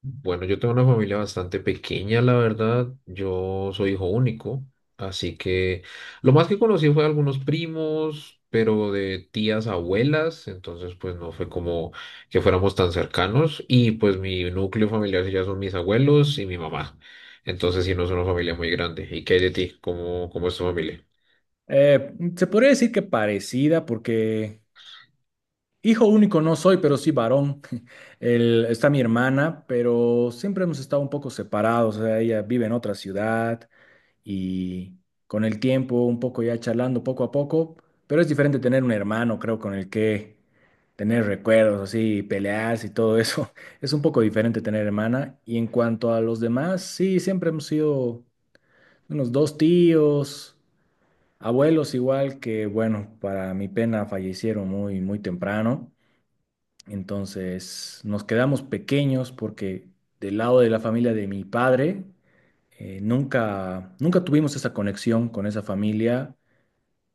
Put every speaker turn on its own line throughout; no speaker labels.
Bueno, yo tengo una familia bastante pequeña, la verdad. Yo soy hijo único, así que lo más que conocí fue algunos primos, pero de tías, abuelas, entonces pues no fue como que fuéramos tan cercanos. Y pues mi núcleo familiar sí ya son mis abuelos y mi mamá. Entonces sí no es una familia muy grande. ¿Y qué hay de ti? ¿Cómo es tu familia?
Se podría decir que parecida, porque hijo único no soy, pero sí varón. Está mi hermana, pero siempre hemos estado un poco separados. O sea, ella vive en otra ciudad y con el tiempo, un poco ya charlando poco a poco, pero es diferente tener un hermano, creo, con el que tener recuerdos, así, pelearse y todo eso. Es un poco diferente tener hermana. Y en cuanto a los demás, sí, siempre hemos sido unos dos tíos. Abuelos igual que, bueno, para mi pena fallecieron muy, muy temprano, entonces nos quedamos pequeños porque del lado de la familia de mi padre nunca, nunca tuvimos esa conexión con esa familia,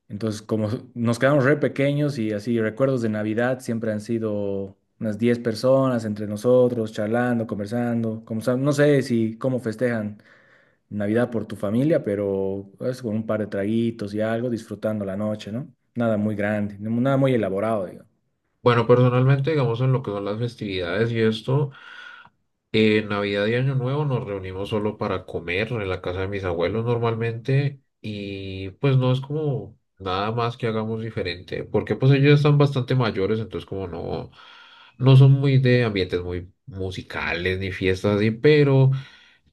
entonces como nos quedamos re pequeños y así recuerdos de Navidad siempre han sido unas 10 personas entre nosotros, charlando, conversando, como, no sé si cómo festejan Navidad por tu familia, pero es con un par de traguitos y algo, disfrutando la noche, ¿no? Nada muy grande, nada muy elaborado, digo.
Bueno, personalmente, digamos, en lo que son las festividades y esto. Navidad y Año Nuevo nos reunimos solo para comer en la casa de mis abuelos normalmente y pues no es como nada más que hagamos diferente, porque pues ellos están bastante mayores, entonces como no, no son muy de ambientes muy musicales ni fiestas así, pero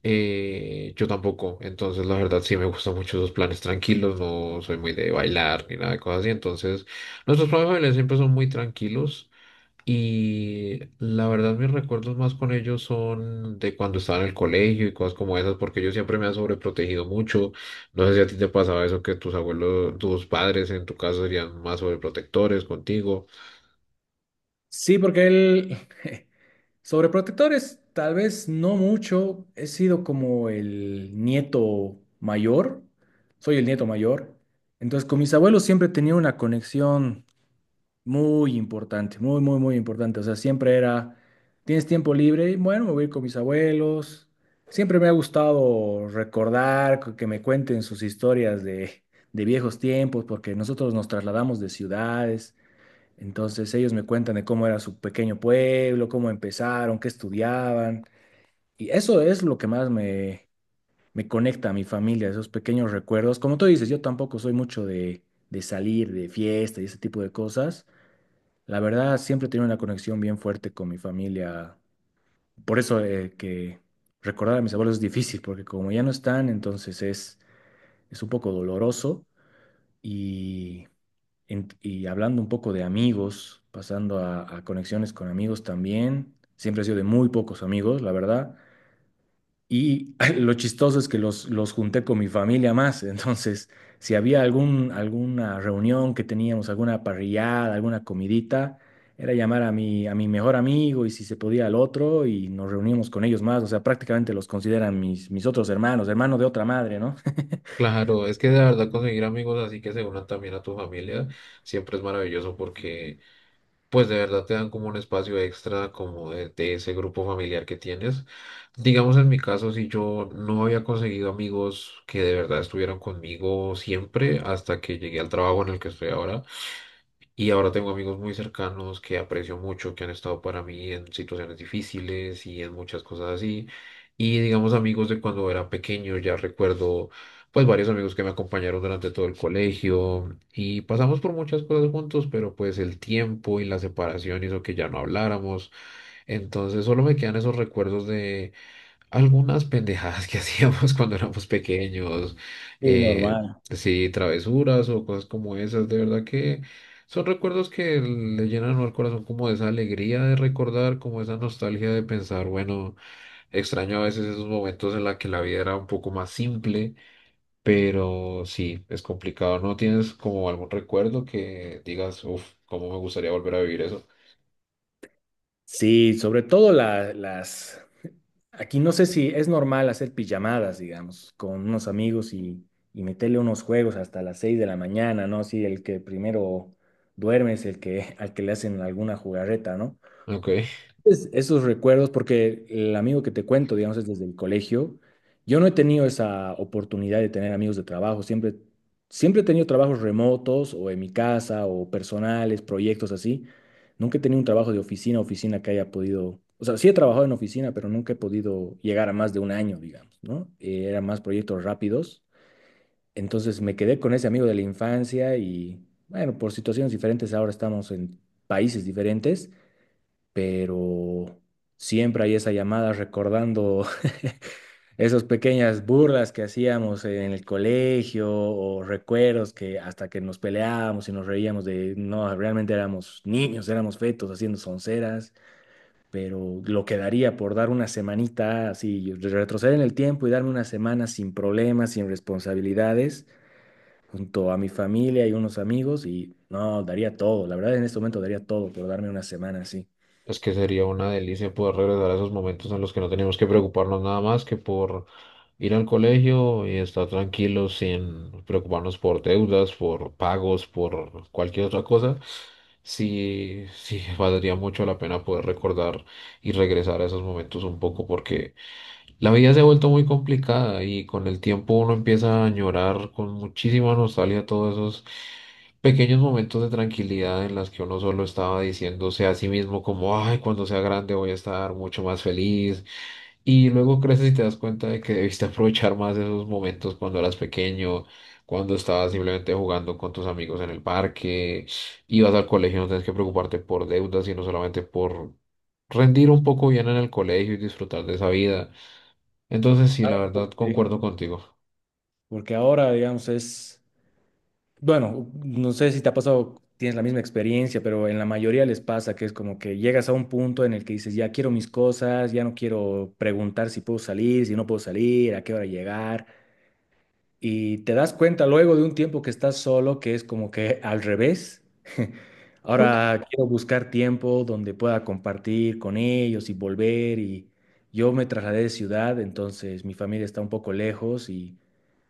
yo tampoco, entonces la verdad sí me gustan mucho esos planes tranquilos, no soy muy de bailar ni nada de cosas así, entonces nuestros planes familiares siempre son muy tranquilos. Y la verdad, mis recuerdos más con ellos son de cuando estaba en el colegio y cosas como esas, porque ellos siempre me han sobreprotegido mucho. No sé si a ti te pasaba eso, que tus abuelos, tus padres en tu caso serían más sobreprotectores contigo.
Sí, porque él, sobreprotectores, tal vez no mucho, he sido como el nieto mayor, soy el nieto mayor, entonces con mis abuelos siempre tenía una conexión muy importante, muy, muy, muy importante. O sea, siempre era, tienes tiempo libre y bueno, me voy a ir con mis abuelos. Siempre me ha gustado recordar, que me cuenten sus historias de viejos tiempos, porque nosotros nos trasladamos de ciudades, entonces ellos me cuentan de cómo era su pequeño pueblo, cómo empezaron, qué estudiaban. Y eso es lo que más me, me conecta a mi familia, esos pequeños recuerdos. Como tú dices, yo tampoco soy mucho de salir de fiesta y ese tipo de cosas, la verdad, siempre he tenido una conexión bien fuerte con mi familia. Por eso que recordar a mis abuelos es difícil, porque como ya no están, entonces es un poco doloroso. Y, y hablando un poco de amigos, pasando a conexiones con amigos también, siempre he sido de muy pocos amigos, la verdad. Y lo chistoso es que los junté con mi familia más. Entonces, si había algún, alguna reunión que teníamos, alguna parrillada, alguna comidita, era llamar a mi mejor amigo y si se podía al otro y nos reuníamos con ellos más. O sea, prácticamente los consideran mis, mis otros hermanos, hermanos de otra madre, ¿no?
Claro, es que de verdad conseguir amigos así que se unan también a tu familia siempre es maravilloso porque pues de verdad te dan como un espacio extra como de ese grupo familiar que tienes. Digamos en mi caso, si yo no había conseguido amigos que de verdad estuvieran conmigo siempre hasta que llegué al trabajo en el que estoy ahora, y ahora tengo amigos muy cercanos que aprecio mucho, que han estado para mí en situaciones difíciles y en muchas cosas así. Y digamos amigos de cuando era pequeño, ya recuerdo pues varios amigos que me acompañaron durante todo el colegio y pasamos por muchas cosas juntos, pero pues el tiempo y la separación hizo que ya no habláramos. Entonces solo me quedan esos recuerdos de algunas pendejadas que hacíamos cuando éramos pequeños,
Sí, normal.
sí, travesuras o cosas como esas, de verdad que son recuerdos que le llenan al corazón como esa alegría de recordar, como esa nostalgia de pensar, bueno, extraño a veces esos momentos en los que la vida era un poco más simple, pero sí, es complicado, ¿no tienes como algún recuerdo que digas, uff, cómo me gustaría volver a vivir eso?
Sí, sobre todo las Aquí no sé si es normal hacer pijamadas, digamos, con unos amigos y meterle unos juegos hasta las 6 de la mañana, ¿no? Sí, el que primero duerme es el que, al que le hacen alguna jugarreta, ¿no?
Ok.
Esos recuerdos, porque el amigo que te cuento, digamos, es desde el colegio. Yo no he tenido esa oportunidad de tener amigos de trabajo. Siempre he tenido trabajos remotos o en mi casa o personales, proyectos así. Nunca he tenido un trabajo de oficina que haya podido. O sea, sí he trabajado en oficina, pero nunca he podido llegar a más de un año, digamos, ¿no? Eran más proyectos rápidos. Entonces me quedé con ese amigo de la infancia y, bueno, por situaciones diferentes ahora estamos en países diferentes, pero siempre hay esa llamada recordando esas pequeñas burlas que hacíamos en el colegio o recuerdos que hasta que nos peleábamos y nos reíamos de, no, realmente éramos niños, éramos fetos haciendo sonceras, pero lo que daría por dar una semanita así, retroceder en el tiempo y darme una semana sin problemas, sin responsabilidades, junto a mi familia y unos amigos y no, daría todo, la verdad, en este momento daría todo por darme una semana así.
Es que sería una delicia poder regresar a esos momentos en los que no teníamos que preocuparnos nada más que por ir al colegio y estar tranquilos sin preocuparnos por deudas, por pagos, por cualquier otra cosa. Sí, sí, valdría mucho la pena poder recordar y regresar a esos momentos un poco porque la vida se ha vuelto muy complicada y con el tiempo uno empieza a añorar con muchísima nostalgia todos esos pequeños momentos de tranquilidad en las que uno solo estaba diciéndose a sí mismo como, ay, cuando sea grande voy a estar mucho más feliz. Y luego creces y te das cuenta de que debiste aprovechar más esos momentos cuando eras pequeño, cuando estabas simplemente jugando con tus amigos en el parque, ibas al colegio, no tenías que preocuparte por deudas, sino solamente por rendir un poco bien en el colegio y disfrutar de esa vida. Entonces, sí,
Ay,
la
¿por
verdad,
qué?
concuerdo contigo.
Porque ahora, digamos, es, bueno, no sé si te ha pasado, tienes la misma experiencia, pero en la mayoría les pasa que es como que llegas a un punto en el que dices, ya quiero mis cosas, ya no quiero preguntar si puedo salir, si no puedo salir, a qué hora llegar. Y te das cuenta luego de un tiempo que estás solo, que es como que al revés. Ahora quiero buscar tiempo donde pueda compartir con ellos y volver. Y yo me trasladé de ciudad, entonces mi familia está un poco lejos y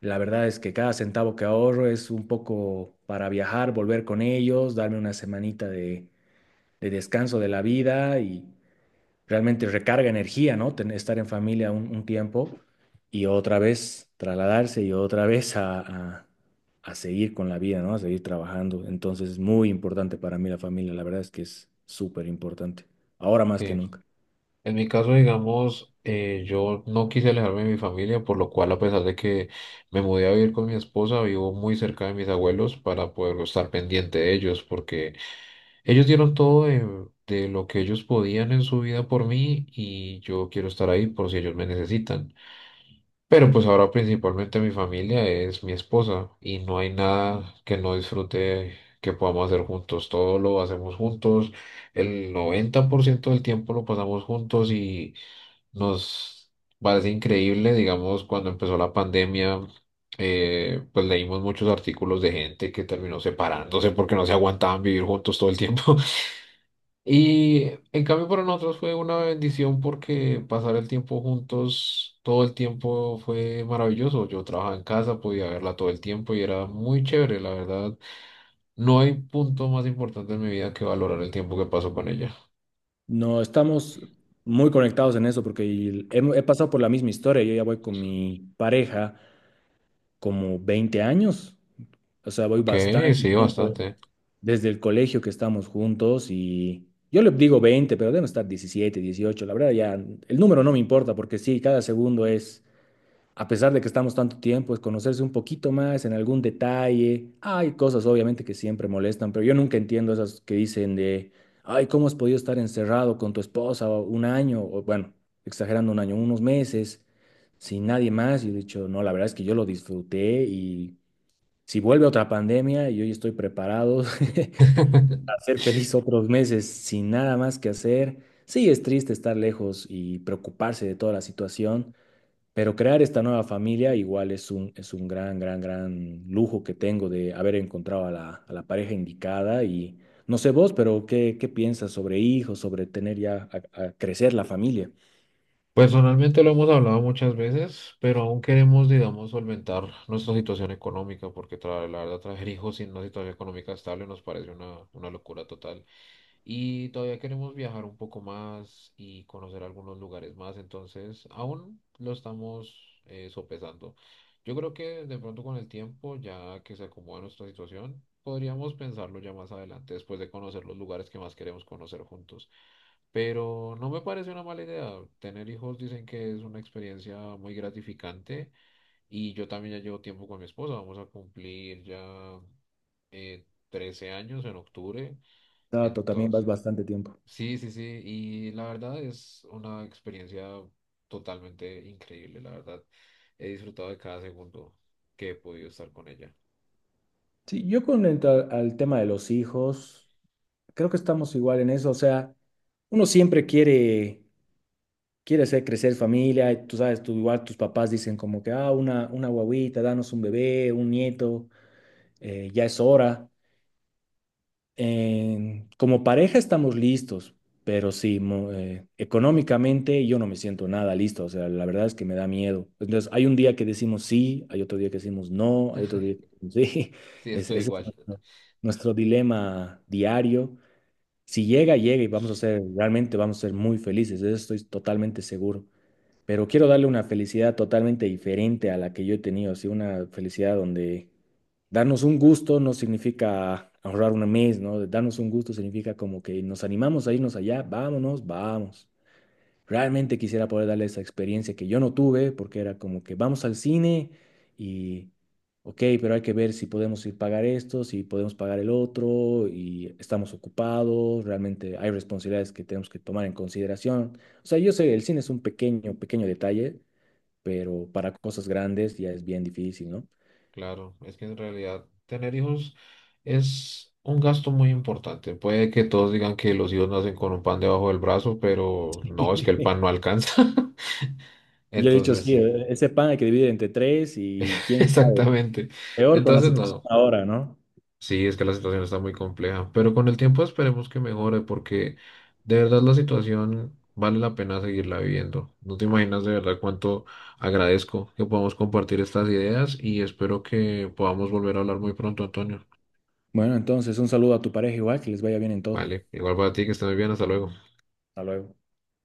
la verdad es que cada centavo que ahorro es un poco para viajar, volver con ellos, darme una semanita de descanso de la vida y realmente recarga energía, ¿no? Estar en familia un tiempo y otra vez trasladarse y otra vez a seguir con la vida, ¿no? A seguir trabajando. Entonces es muy importante para mí la familia, la verdad es que es súper importante, ahora más que
Sí.
nunca.
En mi caso, digamos, yo no quise alejarme de mi familia, por lo cual, a pesar de que me mudé a vivir con mi esposa, vivo muy cerca de mis abuelos para poder estar pendiente de ellos, porque ellos dieron todo de lo que ellos podían en su vida por mí y yo quiero estar ahí por si ellos me necesitan. Pero pues ahora principalmente mi familia es mi esposa y no hay nada que no disfrute que podamos hacer juntos. Todo lo hacemos juntos. El 90% del tiempo lo pasamos juntos y nos parece increíble, digamos, cuando empezó la pandemia. Pues leímos muchos artículos de gente que terminó separándose porque no se aguantaban vivir juntos todo el tiempo. Y en cambio para nosotros fue una bendición porque pasar el tiempo juntos todo el tiempo fue maravilloso. Yo trabajaba en casa, podía verla todo el tiempo y era muy chévere, la verdad. No hay punto más importante en mi vida que valorar el tiempo que paso con ella.
No, estamos muy conectados en eso porque he pasado por la misma historia, yo ya voy con mi pareja como 20 años, o sea, voy
Ok,
bastante,
sí, bastante.
desde el colegio que estamos juntos, y yo le digo 20 pero deben estar 17 18. La verdad, ya el número no me importa porque sí, cada segundo es, a pesar de que estamos tanto tiempo, es conocerse un poquito más en algún detalle. Hay cosas obviamente que siempre molestan, pero yo nunca entiendo esas que dicen de, ay, ¿cómo has podido estar encerrado con tu esposa un año? O bueno, exagerando un año, unos meses, sin nadie más. Y he dicho, no, la verdad es que yo lo disfruté y si vuelve otra pandemia, yo ya estoy preparado. Hacer feliz otros meses sin nada más que hacer. Sí, es triste estar lejos y preocuparse de toda la situación, pero crear esta nueva familia igual es un gran, gran, gran lujo que tengo de haber encontrado a la pareja indicada y no sé vos, pero ¿qué piensas sobre hijos, sobre tener ya a crecer la familia?
Personalmente lo hemos hablado muchas veces, pero aún queremos, digamos, solventar nuestra situación económica, porque la verdad traer hijos sin una situación económica estable nos parece una locura total. Y todavía queremos viajar un poco más y conocer algunos lugares más, entonces aún lo estamos sopesando. Yo creo que de pronto con el tiempo, ya que se acomoda nuestra situación, podríamos pensarlo ya más adelante, después de conocer los lugares que más queremos conocer juntos. Pero no me parece una mala idea. Tener hijos dicen que es una experiencia muy gratificante y yo también ya llevo tiempo con mi esposa. Vamos a cumplir ya 13 años en octubre.
No, tú también vas
Entonces,
bastante tiempo.
sí, sí, sí, y la verdad es una experiencia totalmente increíble, la verdad. He disfrutado de cada segundo que he podido estar con ella.
Sí, yo con al tema de los hijos, creo que estamos igual en eso, o sea, uno siempre quiere hacer crecer familia, y tú sabes, tú igual tus papás dicen como que, ah, una guaguita, danos un bebé, un nieto, ya es hora. Como pareja estamos listos, pero sí, económicamente yo no me siento nada listo, o sea, la verdad es que me da miedo. Entonces, hay un día que decimos sí, hay otro día que decimos no, hay otro día que decimos sí.
Sí, estoy
Ese es
igual.
nuestro, nuestro dilema diario. Si llega, llega y vamos a ser, realmente vamos a ser muy felices, de eso estoy totalmente seguro, pero quiero darle una felicidad totalmente diferente a la que yo he tenido, así una felicidad donde darnos un gusto no significa ahorrar un mes, ¿no? Darnos un gusto significa como que nos animamos a irnos allá, vámonos, vamos. Realmente quisiera poder darle esa experiencia que yo no tuve, porque era como que vamos al cine y, ok, pero hay que ver si podemos ir pagar esto, si podemos pagar el otro, y estamos ocupados, realmente hay responsabilidades que tenemos que tomar en consideración. O sea, yo sé, el cine es un pequeño, pequeño detalle, pero para cosas grandes ya es bien difícil, ¿no?
Claro, es que en realidad tener hijos es un gasto muy importante. Puede que todos digan que los hijos nacen con un pan debajo del brazo, pero no, es que el pan no alcanza.
Yo he dicho,
Entonces,
sí,
sí,
ese pan hay que dividir entre tres y quién sabe,
exactamente.
peor con la
Entonces,
situación
no.
ahora, ¿no?
Sí, es que la situación está muy compleja, pero con el tiempo esperemos que mejore porque de verdad la situación vale la pena seguirla viviendo. No te imaginas de verdad cuánto agradezco que podamos compartir estas ideas y espero que podamos volver a hablar muy pronto, Antonio.
Bueno, entonces un saludo a tu pareja igual, que les vaya bien en todo.
Vale, igual para ti, que estés muy bien, hasta luego.
Hasta luego.